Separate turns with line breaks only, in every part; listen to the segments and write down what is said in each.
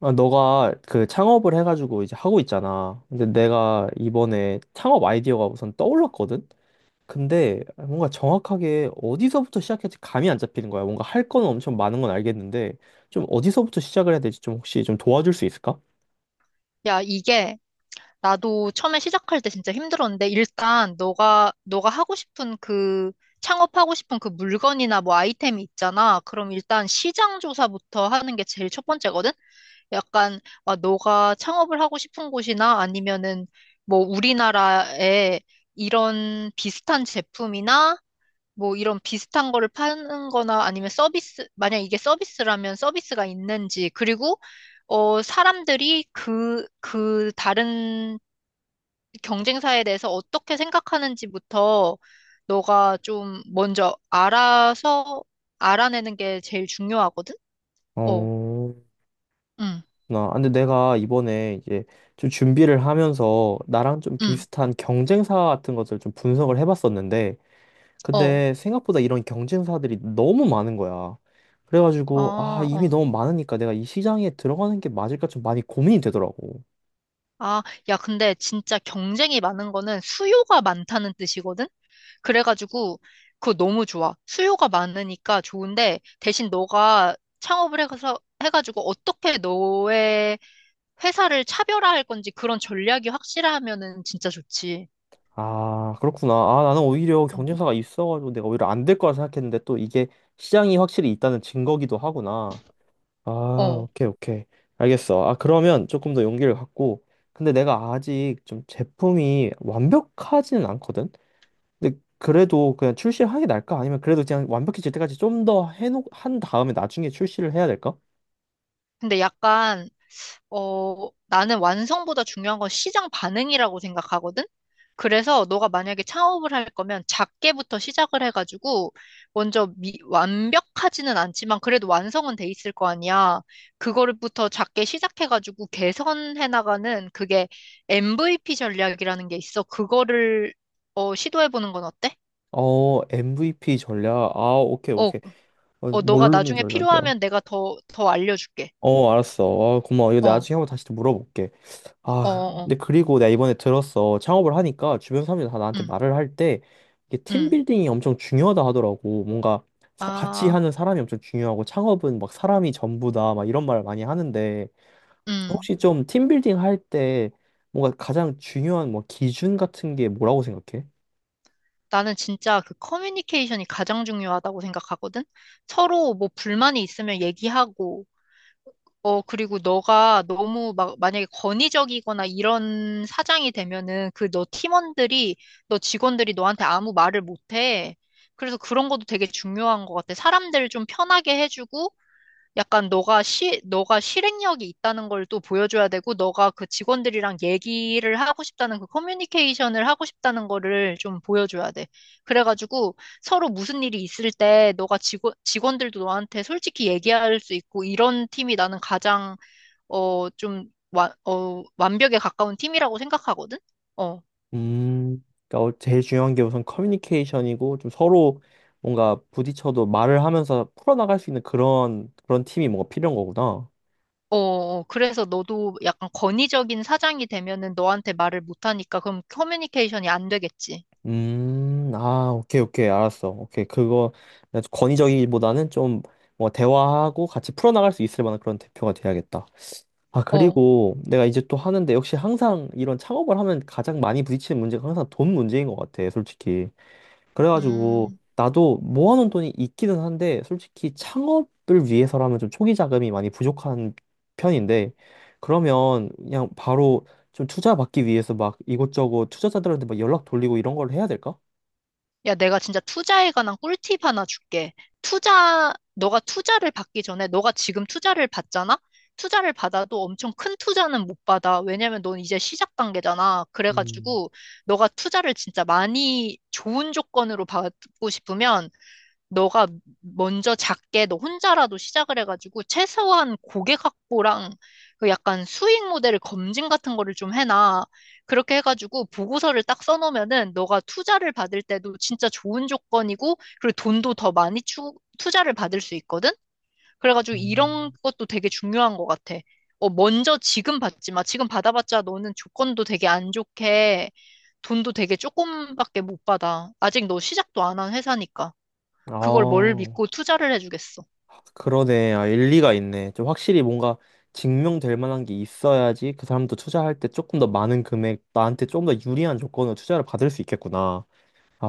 아, 너가 그 창업을 해가지고 이제 하고 있잖아. 근데 내가 이번에 창업 아이디어가 우선 떠올랐거든? 근데 뭔가 정확하게 어디서부터 시작할지 감이 안 잡히는 거야. 뭔가 할 건 엄청 많은 건 알겠는데, 좀 어디서부터 시작을 해야 될지 좀 혹시 좀 도와줄 수 있을까?
야, 이게 나도 처음에 시작할 때 진짜 힘들었는데 일단 너가 하고 싶은 그 창업하고 싶은 그 물건이나 뭐 아이템이 있잖아. 그럼 일단 시장 조사부터 하는 게 제일 첫 번째거든. 약간 아, 너가 창업을 하고 싶은 곳이나 아니면은 뭐 우리나라에 이런 비슷한 제품이나 뭐 이런 비슷한 거를 파는 거나 아니면 서비스, 만약 이게 서비스라면 서비스가 있는지, 그리고, 사람들이 그 다른 경쟁사에 대해서 어떻게 생각하는지부터 너가 좀 먼저 알아서 알아내는 게 제일 중요하거든? 어,
어,
응,
근데 내가 이번에 이제 좀 준비를 하면서 나랑 좀
응,
비슷한 경쟁사 같은 것을 좀 분석을 해봤었는데,
어,
근데 생각보다 이런 경쟁사들이 너무 많은 거야. 그래가지고, 아,
아,
이미
어.
너무 많으니까 내가 이 시장에 들어가는 게 맞을까 좀 많이 고민이 되더라고.
아, 야, 근데 진짜 경쟁이 많은 거는 수요가 많다는 뜻이거든? 그래가지고 그거 너무 좋아. 수요가 많으니까 좋은데 대신 너가 창업을 해서 해가지고 어떻게 너의 회사를 차별화할 건지 그런 전략이 확실하면은 진짜 좋지.
아, 그렇구나. 아, 나는 오히려
응.
경쟁사가 있어가지고 내가 오히려 안 될 거라 생각했는데 또 이게 시장이 확실히 있다는 증거기도 하구나. 아,
어.
오케이, 오케이. 알겠어. 아, 그러면 조금 더 용기를 갖고. 근데 내가 아직 좀 제품이 완벽하지는 않거든? 근데 그래도 그냥 출시하게 날까? 아니면 그래도 그냥 완벽해질 때까지 좀 더 해놓 한 다음에 나중에 출시를 해야 될까?
근데 약간 나는 완성보다 중요한 건 시장 반응이라고 생각하거든? 그래서 너가 만약에 창업을 할 거면 작게부터 시작을 해가지고 먼저 완벽하지는 않지만 그래도 완성은 돼 있을 거 아니야. 그거부터 작게 시작해가지고 개선해 나가는 그게 MVP 전략이라는 게 있어. 그거를 시도해보는 건 어때?
어, MVP 전략. 아, 오케이,
어,
오케이. 어,
어, 너가
모르는
나중에
전략이야.
필요하면 내가 더 알려줄게.
어, 알았어. 어, 고마워. 이거
어, 어,
나중에 한번 다시 또 물어볼게.
어,
아,
어.
근데 그리고 내가 이번에 들었어. 창업을 하니까 주변 사람들이 다 나한테
응,
말을 할 때 이게
응.
팀빌딩이 엄청 중요하다 하더라고. 뭔가 같이
아,
하는 사람이 엄청 중요하고 창업은 막 사람이 전부다 막 이런 말을 많이 하는데
응.
혹시 좀 팀빌딩 할 때 뭔가 가장 중요한 뭐 기준 같은 게 뭐라고 생각해?
나는 진짜 그 커뮤니케이션이 가장 중요하다고 생각하거든? 서로 뭐 불만이 있으면 얘기하고, 그리고 너가 너무 막, 만약에 권위적이거나 이런 사장이 되면은 그 너 팀원들이, 너 직원들이 너한테 아무 말을 못해. 그래서 그런 것도 되게 중요한 것 같아. 사람들 좀 편하게 해주고, 약간 너가 실행력이 있다는 걸 또 보여줘야 되고, 너가 그 직원들이랑 얘기를 하고 싶다는 그 커뮤니케이션을 하고 싶다는 거를 좀 보여줘야 돼. 그래가지고 서로 무슨 일이 있을 때 너가 직원들도 너한테 솔직히 얘기할 수 있고, 이런 팀이 나는 가장, 완벽에 가까운 팀이라고 생각하거든? 어.
음, 그러니까 어, 제일 중요한 게 우선 커뮤니케이션이고 좀 서로 뭔가 부딪혀도 말을 하면서 풀어나갈 수 있는 그런 팀이 뭔가 필요한 거구나.
어, 어, 그래서 너도 약간 권위적인 사장이 되면은 너한테 말을 못하니까 그럼 커뮤니케이션이 안 되겠지.
아, 오케이, 오케이, 알았어. 오케이, 그거 권위적이기보다는 좀 뭐 대화하고 같이 풀어나갈 수 있을 만한 그런 대표가 돼야겠다. 아,
어.
그리고 내가 이제 또 하는데 역시 항상 이런 창업을 하면 가장 많이 부딪히는 문제가 항상 돈 문제인 것 같아, 솔직히. 그래가지고
음.
나도 모아놓은 돈이 있기는 한데 솔직히 창업을 위해서라면 좀 초기 자금이 많이 부족한 편인데 그러면 그냥 바로 좀 투자 받기 위해서 막 이것저것 투자자들한테 막 연락 돌리고 이런 걸 해야 될까?
야, 내가 진짜 투자에 관한 꿀팁 하나 줄게. 투자, 너가 투자를 받기 전에, 너가 지금 투자를 받잖아? 투자를 받아도 엄청 큰 투자는 못 받아. 왜냐면 넌 이제 시작 단계잖아.
음,
그래가지고, 너가 투자를 진짜 많이 좋은 조건으로 받고 싶으면, 너가 먼저 작게 너 혼자라도 시작을 해가지고 최소한 고객 확보랑 그 약간 수익 모델을 검증 같은 거를 좀 해놔. 그렇게 해가지고 보고서를 딱 써놓으면은 너가 투자를 받을 때도 진짜 좋은 조건이고 그리고 돈도 더 많이 투자를 받을 수 있거든? 그래가지고 이런
음.
것도 되게 중요한 것 같아. 어, 먼저 지금 받지 마. 지금 받아봤자 너는 조건도 되게 안 좋게 돈도 되게 조금밖에 못 받아. 아직 너 시작도 안 한 회사니까. 그걸 뭘
아,
믿고 투자를 해주겠어.
그러네. 아, 일리가 있네. 좀 확실히 뭔가 증명될 만한 게 있어야지 그 사람도 투자할 때 조금 더 많은 금액, 나한테 조금 더 유리한 조건으로 투자를 받을 수 있겠구나.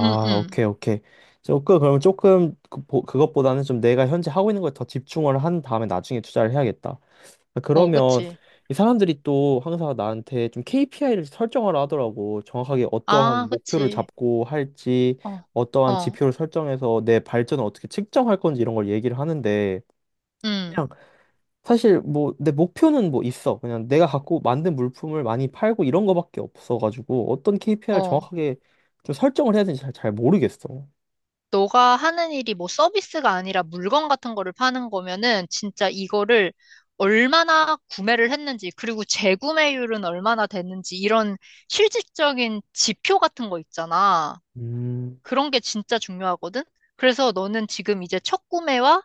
응, 응.
오케이, 오케이. 조금, 그러면 조금 그, 그것보다는 좀 내가 현재 하고 있는 거에 더 집중을 한 다음에 나중에 투자를 해야겠다. 아,
어,
그러면
그치.
이 사람들이 또 항상 나한테 좀 KPI를 설정하라 하더라고. 정확하게
아,
어떠한 목표를
그치.
잡고 할지,
어,
어떠한
어,
지표를 설정해서 내 발전을 어떻게 측정할 건지 이런 걸 얘기를 하는데
응,
사실 뭐 내 목표는 뭐 있어. 그냥 내가 갖고 만든 물품을 많이 팔고 이런 거밖에 없어가지고 어떤 KPI를
어.
정확하게 좀 설정을 해야 되는지 잘 모르겠어.
너가 하는 일이 뭐 서비스가 아니라 물건 같은 거를 파는 거면은 진짜 이거를 얼마나 구매를 했는지, 그리고 재구매율은 얼마나 됐는지, 이런 실질적인 지표 같은 거 있잖아.
음,
그런 게 진짜 중요하거든? 그래서 너는 지금 이제 첫 구매와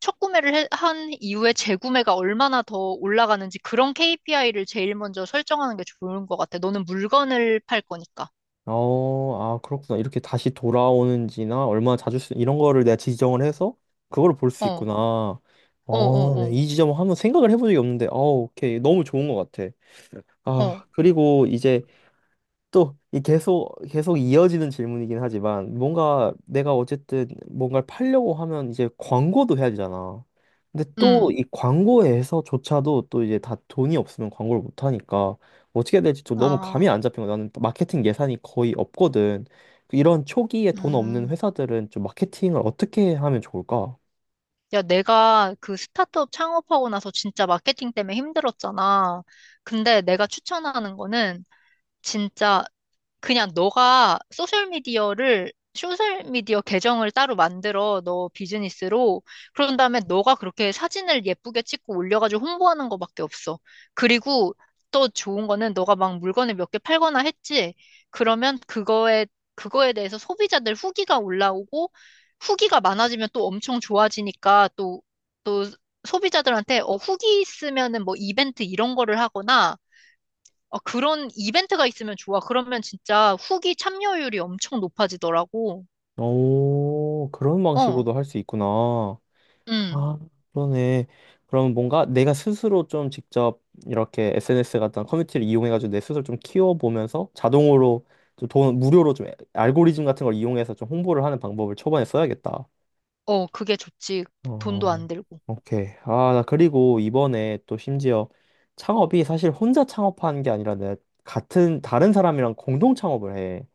첫 구매를 한 이후에 재구매가 얼마나 더 올라가는지 그런 KPI를 제일 먼저 설정하는 게 좋은 것 같아. 너는 물건을 팔 거니까.
어, 아, 그렇구나. 이렇게 다시 돌아오는지나 얼마나 자주 쓰 이런 거를 내가 지정을 해서 그걸 볼 수
어,
있구나.
어,
어,
어,
네,
어,
이 지점을 한번 생각을 해본 적이 없는데, 어, 오케이. 너무 좋은 것 같아.
어,
아, 그리고 이제 또 이 계속 계속 이어지는 질문이긴 하지만 뭔가 내가 어쨌든 뭔가를 팔려고 하면 이제 광고도 해야 되잖아. 근데 또
음,
이 광고에서조차도 또 이제 다 돈이 없으면 광고를 못 하니까 어떻게 해야 될지 좀 너무 감이
아,
안 잡힌 거야. 나는 마케팅 예산이 거의 없거든. 그 이런 초기에 돈 없는
음.
회사들은 좀 마케팅을 어떻게 하면 좋을까?
야, 내가 그 스타트업 창업하고 나서 진짜 마케팅 때문에 힘들었잖아. 근데 내가 추천하는 거는 진짜 그냥 소셜미디어 계정을 따로 만들어, 너 비즈니스로. 그런 다음에 너가 그렇게 사진을 예쁘게 찍고 올려가지고 홍보하는 거밖에 없어. 그리고 또 좋은 거는 너가 막 물건을 몇 개 팔거나 했지. 그러면 그거에 대해서 소비자들 후기가 올라오고, 후기가 많아지면 또 엄청 좋아지니까 또 소비자들한테 어, 후기 있으면은 뭐 이벤트 이런 거를 하거나, 어, 그런 이벤트가 있으면 좋아. 그러면 진짜 후기 참여율이 엄청 높아지더라고.
오, 그런
어,
방식으로도 할 수 있구나.
음,
아, 그러네. 그럼 뭔가 내가 스스로 좀 직접 이렇게 SNS 같은 커뮤니티를 이용해가지고 내 스스로 좀 키워보면서 자동으로 좀 돈, 무료로 좀 알고리즘 같은 걸 이용해서 좀 홍보를 하는 방법을 초반에 써야겠다.
어, 그게 좋지. 돈도
어,
안 들고.
오케이. 아, 나 그리고 이번에 또 심지어 창업이 사실 혼자 창업하는 게 아니라 내가 같은, 다른 사람이랑 공동 창업을 해.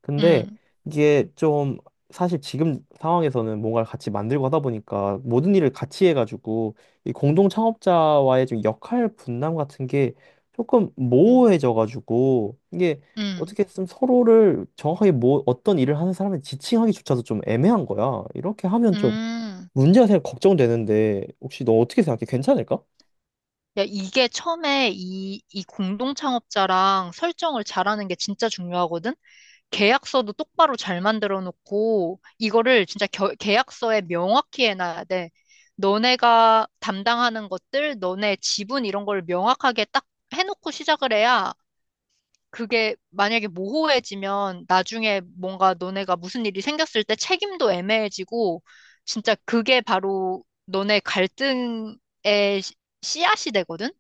근데
음,
이게 좀 사실 지금 상황에서는 뭔가를 같이 만들고 하다 보니까 모든 일을 같이 해가지고 이 공동 창업자와의 좀 역할 분담 같은 게 조금
음,
모호해져가지고 이게
음,
어떻게 좀 서로를 정확하게 뭐 어떤 일을 하는 사람을 지칭하기조차도 좀 애매한 거야. 이렇게 하면 좀
음.
문제가 생겨 걱정되는데 혹시 너 어떻게 생각해? 괜찮을까?
야, 이게 처음에 이 공동 창업자랑 설정을 잘하는 게 진짜 중요하거든? 계약서도 똑바로 잘 만들어 놓고, 이거를 진짜 계약서에 명확히 해놔야 돼. 너네가 담당하는 것들, 너네 지분 이런 걸 명확하게 딱 해놓고 시작을 해야 그게 만약에 모호해지면 나중에 뭔가 너네가 무슨 일이 생겼을 때 책임도 애매해지고 진짜 그게 바로 너네 갈등의 시- 씨앗이 되거든?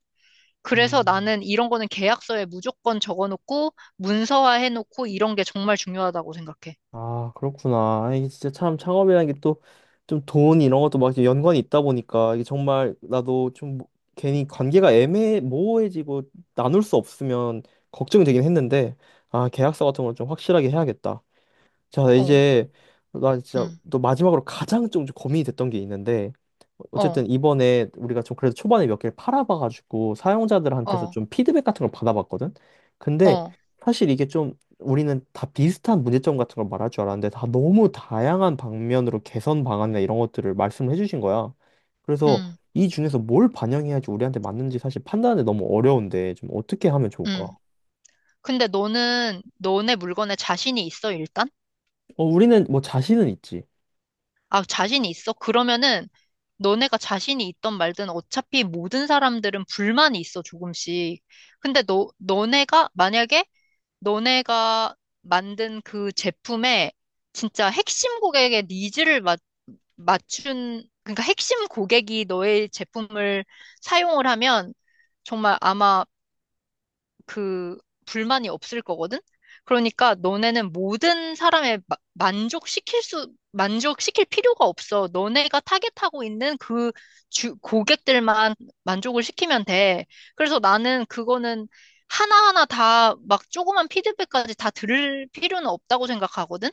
그래서
음.
나는 이런 거는 계약서에 무조건 적어놓고 문서화 해놓고 이런 게 정말 중요하다고 생각해.
아, 그렇구나. 아, 이게 진짜 참 창업이라는 게 또 좀 돈 이런 것도 막 이렇게 연관이 있다 보니까 이게 정말 나도 좀 괜히 관계가 애매 모호해지고 나눌 수 없으면 걱정이 되긴 했는데 아, 계약서 같은 걸 좀 확실하게 해야겠다. 자,
어,
이제 나 진짜
음,
또 마지막으로 가장 좀 고민이 됐던 게 있는데
어,
어쨌든 이번에 우리가 좀 그래도 초반에 몇 개를 팔아봐가지고 사용자들한테서
어,
좀 피드백 같은 걸 받아봤거든. 근데
어,
사실 이게 좀 우리는 다 비슷한 문제점 같은 걸 말할 줄 알았는데 다 너무 다양한 방면으로 개선 방안이나 이런 것들을 말씀을 해주신 거야. 그래서
음,
이 중에서 뭘 반영해야지 우리한테 맞는지 사실 판단이 너무 어려운데 좀 어떻게 하면 좋을까?
음. 근데 너는 너네 물건에 자신이 있어, 일단?
어, 우리는 뭐 자신은 있지.
아, 자신이 있어? 그러면은 너네가 자신이 있던 말든 어차피 모든 사람들은 불만이 있어, 조금씩. 근데 너네가, 만약에 너네가 만든 그 제품에 진짜 핵심 고객의 니즈를 맞춘, 그러니까 핵심 고객이 너의 제품을 사용을 하면 정말 아마 그 불만이 없을 거거든? 그러니까 너네는 모든 사람의 만족시킬 필요가 없어. 너네가 타겟하고 있는 고객들만 만족을 시키면 돼. 그래서 나는 그거는 하나하나 다 막 조그만 피드백까지 다 들을 필요는 없다고 생각하거든?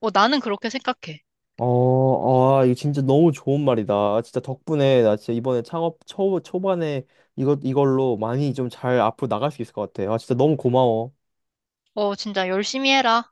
어, 나는 그렇게 생각해.
어, 아, 이거 진짜 너무 좋은 말이다. 아, 진짜 덕분에 나 진짜 이번에 창업 초반에 이걸로 많이 좀 잘 앞으로 나갈 수 있을 것 같아. 아, 진짜 너무 고마워.
어, 진짜 열심히 해라.